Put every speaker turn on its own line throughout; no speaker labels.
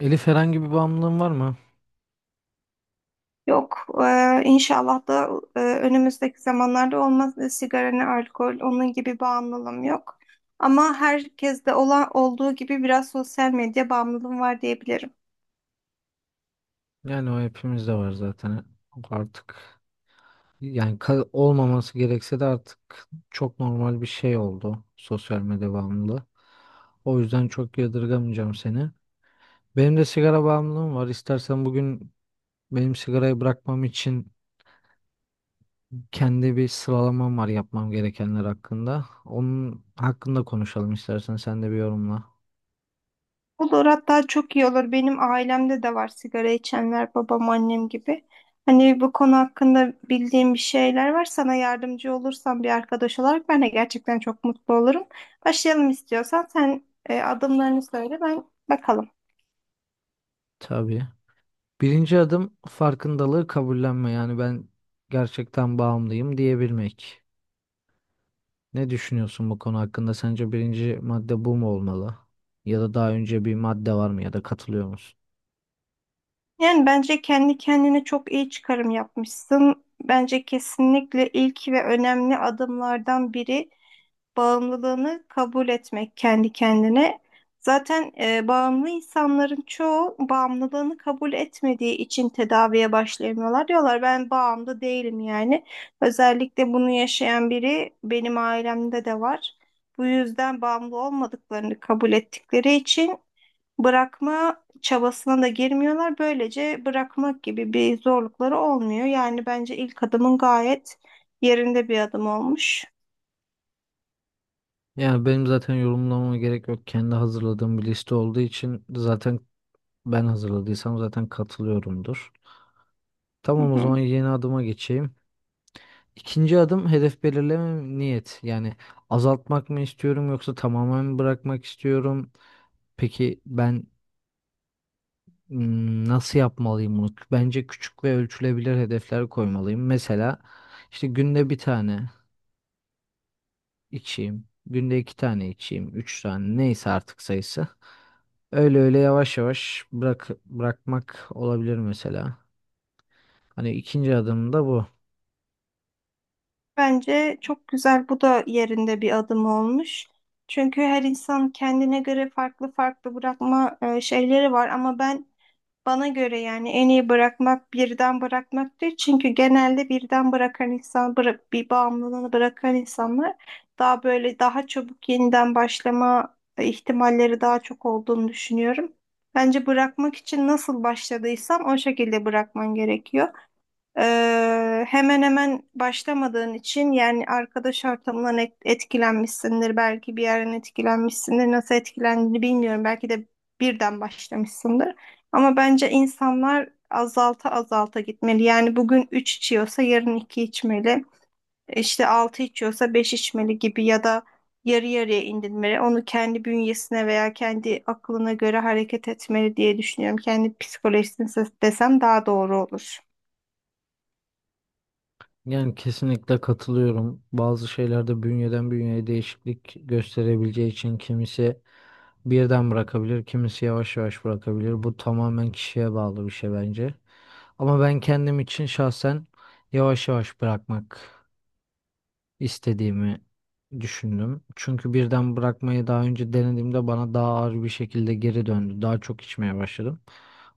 Elif, herhangi bir bağımlılığın var mı?
Yok, inşallah da önümüzdeki zamanlarda olmaz. Sigara ne alkol, onun gibi bağımlılığım yok. Ama herkeste olan olduğu gibi biraz sosyal medya bağımlılığım var diyebilirim.
Yani o hepimizde var zaten. Artık olmaması gerekse de artık çok normal bir şey oldu sosyal medya bağımlılığı. O yüzden çok yadırgamayacağım seni. Benim de sigara bağımlılığım var. İstersen bugün benim sigarayı bırakmam için kendi bir sıralamam var yapmam gerekenler hakkında. Onun hakkında konuşalım istersen sen de bir yorumla.
Olur, hatta çok iyi olur. Benim ailemde de var sigara içenler, babam, annem gibi. Hani bu konu hakkında bildiğim bir şeyler var. Sana yardımcı olursam bir arkadaş olarak ben de gerçekten çok mutlu olurum. Başlayalım istiyorsan. Sen adımlarını söyle, ben bakalım.
Tabii. Birinci adım farkındalığı kabullenme. Yani ben gerçekten bağımlıyım diyebilmek. Ne düşünüyorsun bu konu hakkında? Sence birinci madde bu mu olmalı? Ya da daha önce bir madde var mı ya da katılıyor musun?
Yani bence kendi kendine çok iyi çıkarım yapmışsın. Bence kesinlikle ilk ve önemli adımlardan biri bağımlılığını kabul etmek kendi kendine. Zaten bağımlı insanların çoğu bağımlılığını kabul etmediği için tedaviye başlayamıyorlar. Diyorlar ben bağımlı değilim yani. Özellikle bunu yaşayan biri benim ailemde de var. Bu yüzden bağımlı olmadıklarını kabul ettikleri için bırakma çabasına da girmiyorlar. Böylece bırakmak gibi bir zorlukları olmuyor. Yani bence ilk adımın gayet yerinde bir adım olmuş.
Yani benim zaten yorumlamama gerek yok. Kendi hazırladığım bir liste olduğu için zaten ben hazırladıysam zaten katılıyorumdur.
Hı
Tamam, o zaman
hı.
yeni adıma geçeyim. İkinci adım hedef belirleme niyet. Yani azaltmak mı istiyorum yoksa tamamen mi bırakmak istiyorum? Peki ben nasıl yapmalıyım bunu? Bence küçük ve ölçülebilir hedefler koymalıyım. Mesela işte günde bir tane içeyim, günde iki tane içeyim, üç tane neyse artık sayısı. Öyle öyle yavaş yavaş bırakmak olabilir mesela. Hani ikinci adım da bu.
Bence çok güzel, bu da yerinde bir adım olmuş. Çünkü her insan kendine göre farklı farklı bırakma şeyleri var, ama ben bana göre yani en iyi bırakmak birden bırakmak değil. Çünkü genelde birden bırakan insan, bırak, bir bağımlılığını bırakan insanlar daha böyle daha çabuk yeniden başlama ihtimalleri daha çok olduğunu düşünüyorum. Bence bırakmak için nasıl başladıysan o şekilde bırakman gerekiyor. Hemen hemen başlamadığın için yani arkadaş ortamından etkilenmişsindir. Belki bir yerden etkilenmişsindir. Nasıl etkilendiğini bilmiyorum. Belki de birden başlamışsındır. Ama bence insanlar azalta azalta gitmeli. Yani bugün 3 içiyorsa yarın 2 içmeli. İşte 6 içiyorsa 5 içmeli gibi, ya da yarı yarıya indirmeli. Onu kendi bünyesine veya kendi aklına göre hareket etmeli diye düşünüyorum. Kendi psikolojisine desem daha doğru olur.
Yani kesinlikle katılıyorum. Bazı şeylerde bünyeden bünyeye değişiklik gösterebileceği için kimisi birden bırakabilir, kimisi yavaş yavaş bırakabilir. Bu tamamen kişiye bağlı bir şey bence. Ama ben kendim için şahsen yavaş yavaş bırakmak istediğimi düşündüm. Çünkü birden bırakmayı daha önce denediğimde bana daha ağır bir şekilde geri döndü. Daha çok içmeye başladım.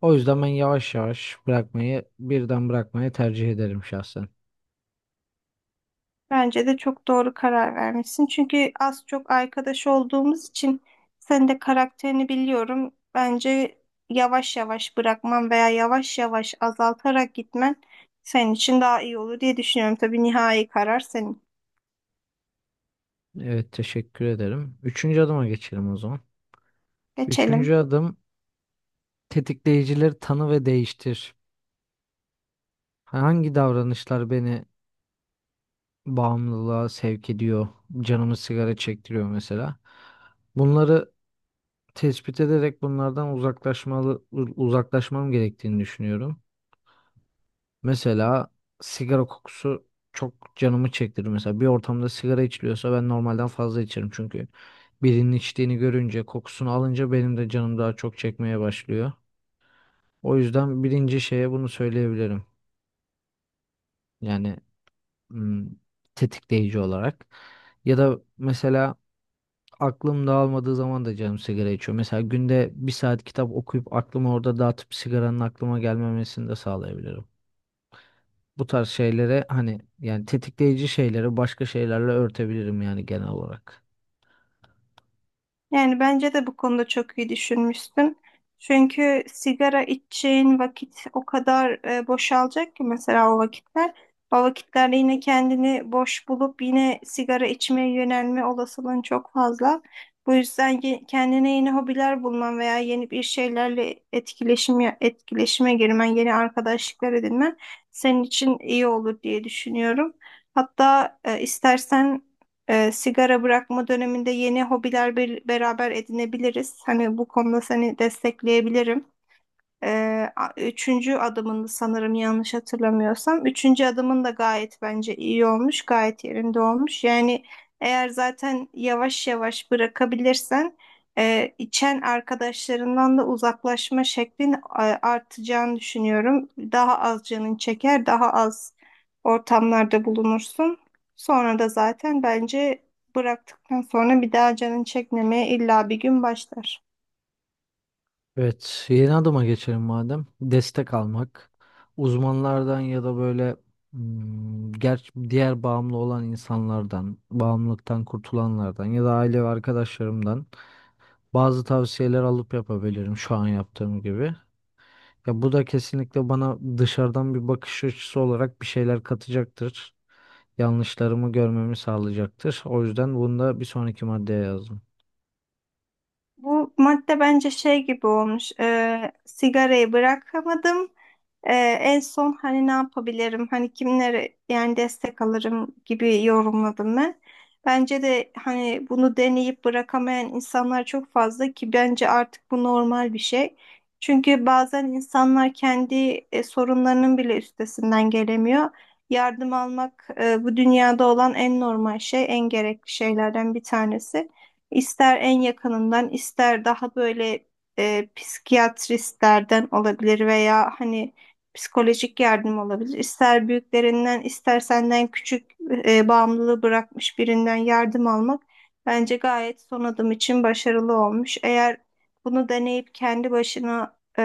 O yüzden ben yavaş yavaş bırakmayı, birden bırakmayı tercih ederim şahsen.
Bence de çok doğru karar vermişsin. Çünkü az çok arkadaş olduğumuz için sen de karakterini biliyorum. Bence yavaş yavaş bırakman veya yavaş yavaş azaltarak gitmen senin için daha iyi olur diye düşünüyorum. Tabii nihai karar senin.
Evet, teşekkür ederim. Üçüncü adıma geçelim o zaman.
Geçelim.
Üçüncü adım tetikleyicileri tanı ve değiştir. Hangi davranışlar beni bağımlılığa sevk ediyor? Canımı sigara çektiriyor mesela. Bunları tespit ederek bunlardan uzaklaşmam gerektiğini düşünüyorum. Mesela sigara kokusu çok canımı çektirir. Mesela bir ortamda sigara içiliyorsa ben normalden fazla içerim, çünkü birinin içtiğini görünce kokusunu alınca benim de canım daha çok çekmeye başlıyor. O yüzden birinci şeye bunu söyleyebilirim. Yani hmm, Tetikleyici olarak. Ya da mesela aklım dağılmadığı zaman da canım sigara içiyor. Mesela günde bir saat kitap okuyup aklımı orada dağıtıp sigaranın aklıma gelmemesini de sağlayabilirim. Bu tarz şeylere hani yani tetikleyici şeyleri başka şeylerle örtebilirim yani genel olarak.
Yani bence de bu konuda çok iyi düşünmüşsün. Çünkü sigara içeceğin vakit o kadar boşalacak ki mesela o vakitler. O vakitlerde yine kendini boş bulup yine sigara içmeye yönelme olasılığın çok fazla. Bu yüzden kendine yeni hobiler bulman veya yeni bir şeylerle etkileşime girmen, yeni arkadaşlıklar edinmen senin için iyi olur diye düşünüyorum. Hatta istersen sigara bırakma döneminde yeni hobiler bir, beraber edinebiliriz. Hani bu konuda seni destekleyebilirim. Üçüncü adımını sanırım yanlış hatırlamıyorsam. Üçüncü adımın da gayet bence iyi olmuş, gayet yerinde olmuş. Yani eğer zaten yavaş yavaş bırakabilirsen içen arkadaşlarından da uzaklaşma şeklin artacağını düşünüyorum. Daha az canın çeker, daha az ortamlarda bulunursun. Sonra da zaten bence bıraktıktan sonra bir daha canın çekmemeye illa bir gün başlar.
Evet, yeni adıma geçelim madem. Destek almak. Uzmanlardan ya da böyle hmm, ger diğer bağımlı olan insanlardan, bağımlılıktan kurtulanlardan ya da aile ve arkadaşlarımdan bazı tavsiyeler alıp yapabilirim şu an yaptığım gibi. Ya bu da kesinlikle bana dışarıdan bir bakış açısı olarak bir şeyler katacaktır. Yanlışlarımı görmemi sağlayacaktır. O yüzden bunu da bir sonraki maddeye yazdım.
Bu madde bence şey gibi olmuş. Sigarayı bırakamadım. En son hani ne yapabilirim? Hani kimlere yani destek alırım gibi yorumladım ben. Bence de hani bunu deneyip bırakamayan insanlar çok fazla ki bence artık bu normal bir şey. Çünkü bazen insanlar kendi sorunlarının bile üstesinden gelemiyor. Yardım almak bu dünyada olan en normal şey, en gerekli şeylerden bir tanesi. İster en yakınından, ister daha böyle psikiyatristlerden olabilir veya hani psikolojik yardım olabilir. İster büyüklerinden, ister senden küçük bağımlılığı bırakmış birinden yardım almak bence gayet son adım için başarılı olmuş. Eğer bunu deneyip kendi başına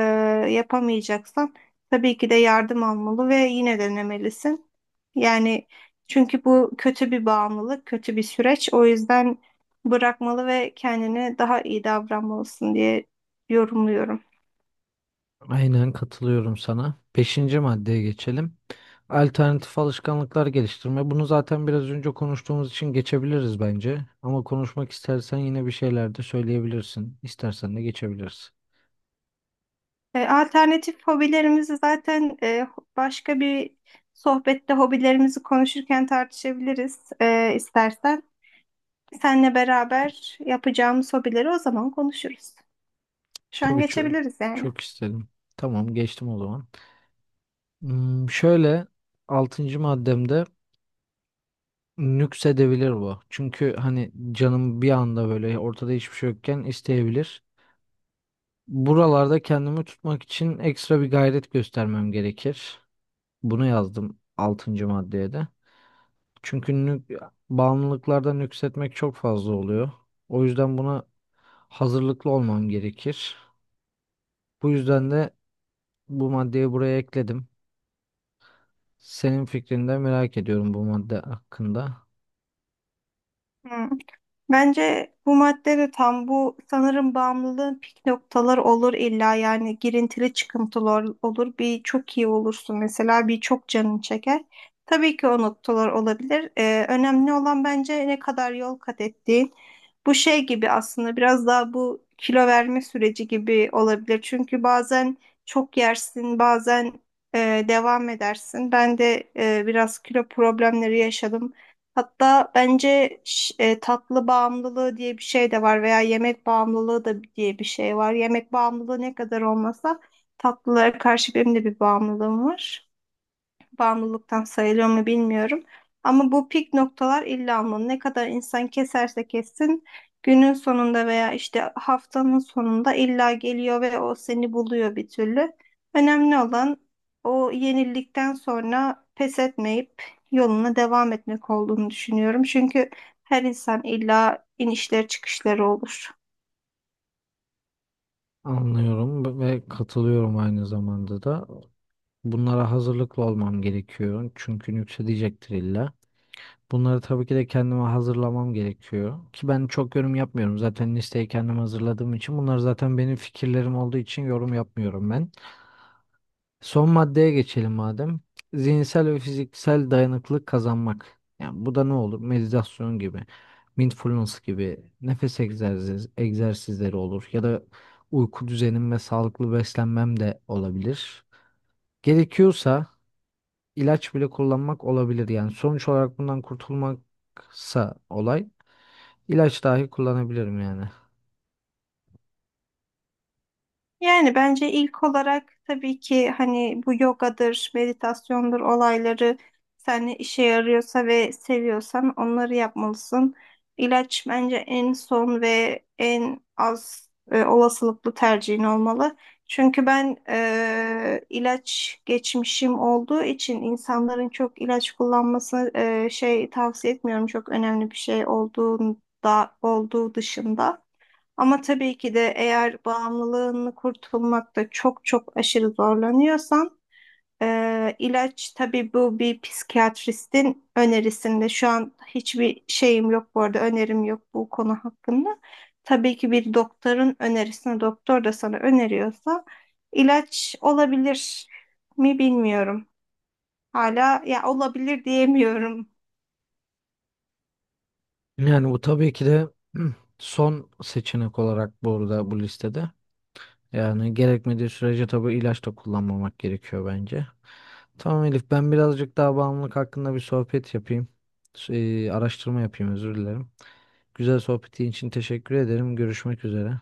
yapamayacaksan tabii ki de yardım almalı ve yine denemelisin. Yani çünkü bu kötü bir bağımlılık, kötü bir süreç. O yüzden bırakmalı ve kendine daha iyi davranmalısın diye yorumluyorum.
Aynen katılıyorum sana. Beşinci maddeye geçelim. Alternatif alışkanlıklar geliştirme. Bunu zaten biraz önce konuştuğumuz için geçebiliriz bence. Ama konuşmak istersen yine bir şeyler de söyleyebilirsin. İstersen de geçebiliriz.
Alternatif hobilerimizi zaten başka bir sohbette hobilerimizi konuşurken tartışabiliriz, istersen. Seninle beraber yapacağımız hobileri o zaman konuşuruz. Şu an
Tabii, çok,
geçebiliriz yani.
çok isterim. Tamam, geçtim o zaman. Şöyle, altıncı maddemde nüksedebilir bu. Çünkü hani canım bir anda böyle ortada hiçbir şey yokken isteyebilir. Buralarda kendimi tutmak için ekstra bir gayret göstermem gerekir. Bunu yazdım altıncı maddeye de. Çünkü bağımlılıklardan nüksetmek çok fazla oluyor. O yüzden buna hazırlıklı olmam gerekir. Bu yüzden de bu maddeyi buraya ekledim. Senin fikrini de merak ediyorum bu madde hakkında.
Hı. Bence bu madde de tam bu sanırım bağımlılığın pik noktaları olur illa, yani girintili çıkıntılı olur. Bir çok iyi olursun mesela, bir çok canın çeker. Tabii ki o noktalar olabilir. Önemli olan bence ne kadar yol kat ettiğin. Bu şey gibi aslında, biraz daha bu kilo verme süreci gibi olabilir. Çünkü bazen çok yersin, bazen devam edersin. Ben de biraz kilo problemleri yaşadım. Hatta bence tatlı bağımlılığı diye bir şey de var veya yemek bağımlılığı da diye bir şey var. Yemek bağımlılığı ne kadar olmasa tatlılara karşı benim de bir bağımlılığım var, bağımlılıktan sayılıyor mu bilmiyorum. Ama bu pik noktalar illa almalı. Ne kadar insan keserse kessin günün sonunda veya işte haftanın sonunda illa geliyor ve o seni buluyor bir türlü. Önemli olan o yenildikten sonra pes etmeyip yoluna devam etmek olduğunu düşünüyorum. Çünkü her insan illa inişleri çıkışları olur.
Anlıyorum ve katılıyorum aynı zamanda da. Bunlara hazırlıklı olmam gerekiyor. Çünkü nüksedecektir illa. Bunları tabii ki de kendime hazırlamam gerekiyor. Ki ben çok yorum yapmıyorum. Zaten listeyi kendim hazırladığım için. Bunlar zaten benim fikirlerim olduğu için yorum yapmıyorum ben. Son maddeye geçelim madem. Zihinsel ve fiziksel dayanıklılık kazanmak. Yani bu da ne olur? Meditasyon gibi, mindfulness gibi, egzersizleri olur. Ya da uyku düzenim ve sağlıklı beslenmem de olabilir. Gerekiyorsa ilaç bile kullanmak olabilir. Yani sonuç olarak bundan kurtulmaksa olay. İlaç dahi kullanabilirim yani.
Yani bence ilk olarak tabii ki hani bu yogadır, meditasyondur olayları seninle işe yarıyorsa ve seviyorsan onları yapmalısın. İlaç bence en son ve en az olasılıklı tercihin olmalı. Çünkü ben ilaç geçmişim olduğu için insanların çok ilaç kullanmasını tavsiye etmiyorum. Çok önemli bir şey olduğunda olduğu dışında. Ama tabii ki de eğer bağımlılığını kurtulmakta çok çok aşırı zorlanıyorsan ilaç tabii bu bir psikiyatristin önerisinde. Şu an hiçbir şeyim yok, bu arada önerim yok bu konu hakkında. Tabii ki bir doktorun önerisine, doktor da sana öneriyorsa ilaç olabilir mi bilmiyorum. Hala ya olabilir diyemiyorum.
Yani bu tabii ki de son seçenek olarak burada bu listede. Yani gerekmediği sürece tabii ilaç da kullanmamak gerekiyor bence. Tamam Elif, ben birazcık daha bağımlılık hakkında bir sohbet yapayım. Araştırma yapayım, özür dilerim. Güzel sohbetin için teşekkür ederim. Görüşmek üzere.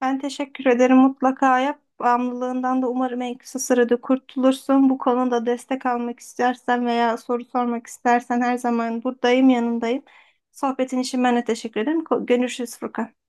Ben teşekkür ederim. Mutlaka yap. Bağımlılığından da umarım en kısa sürede kurtulursun. Bu konuda destek almak istersen veya soru sormak istersen her zaman buradayım, yanındayım. Sohbetin için ben de teşekkür ederim. Görüşürüz Furkan.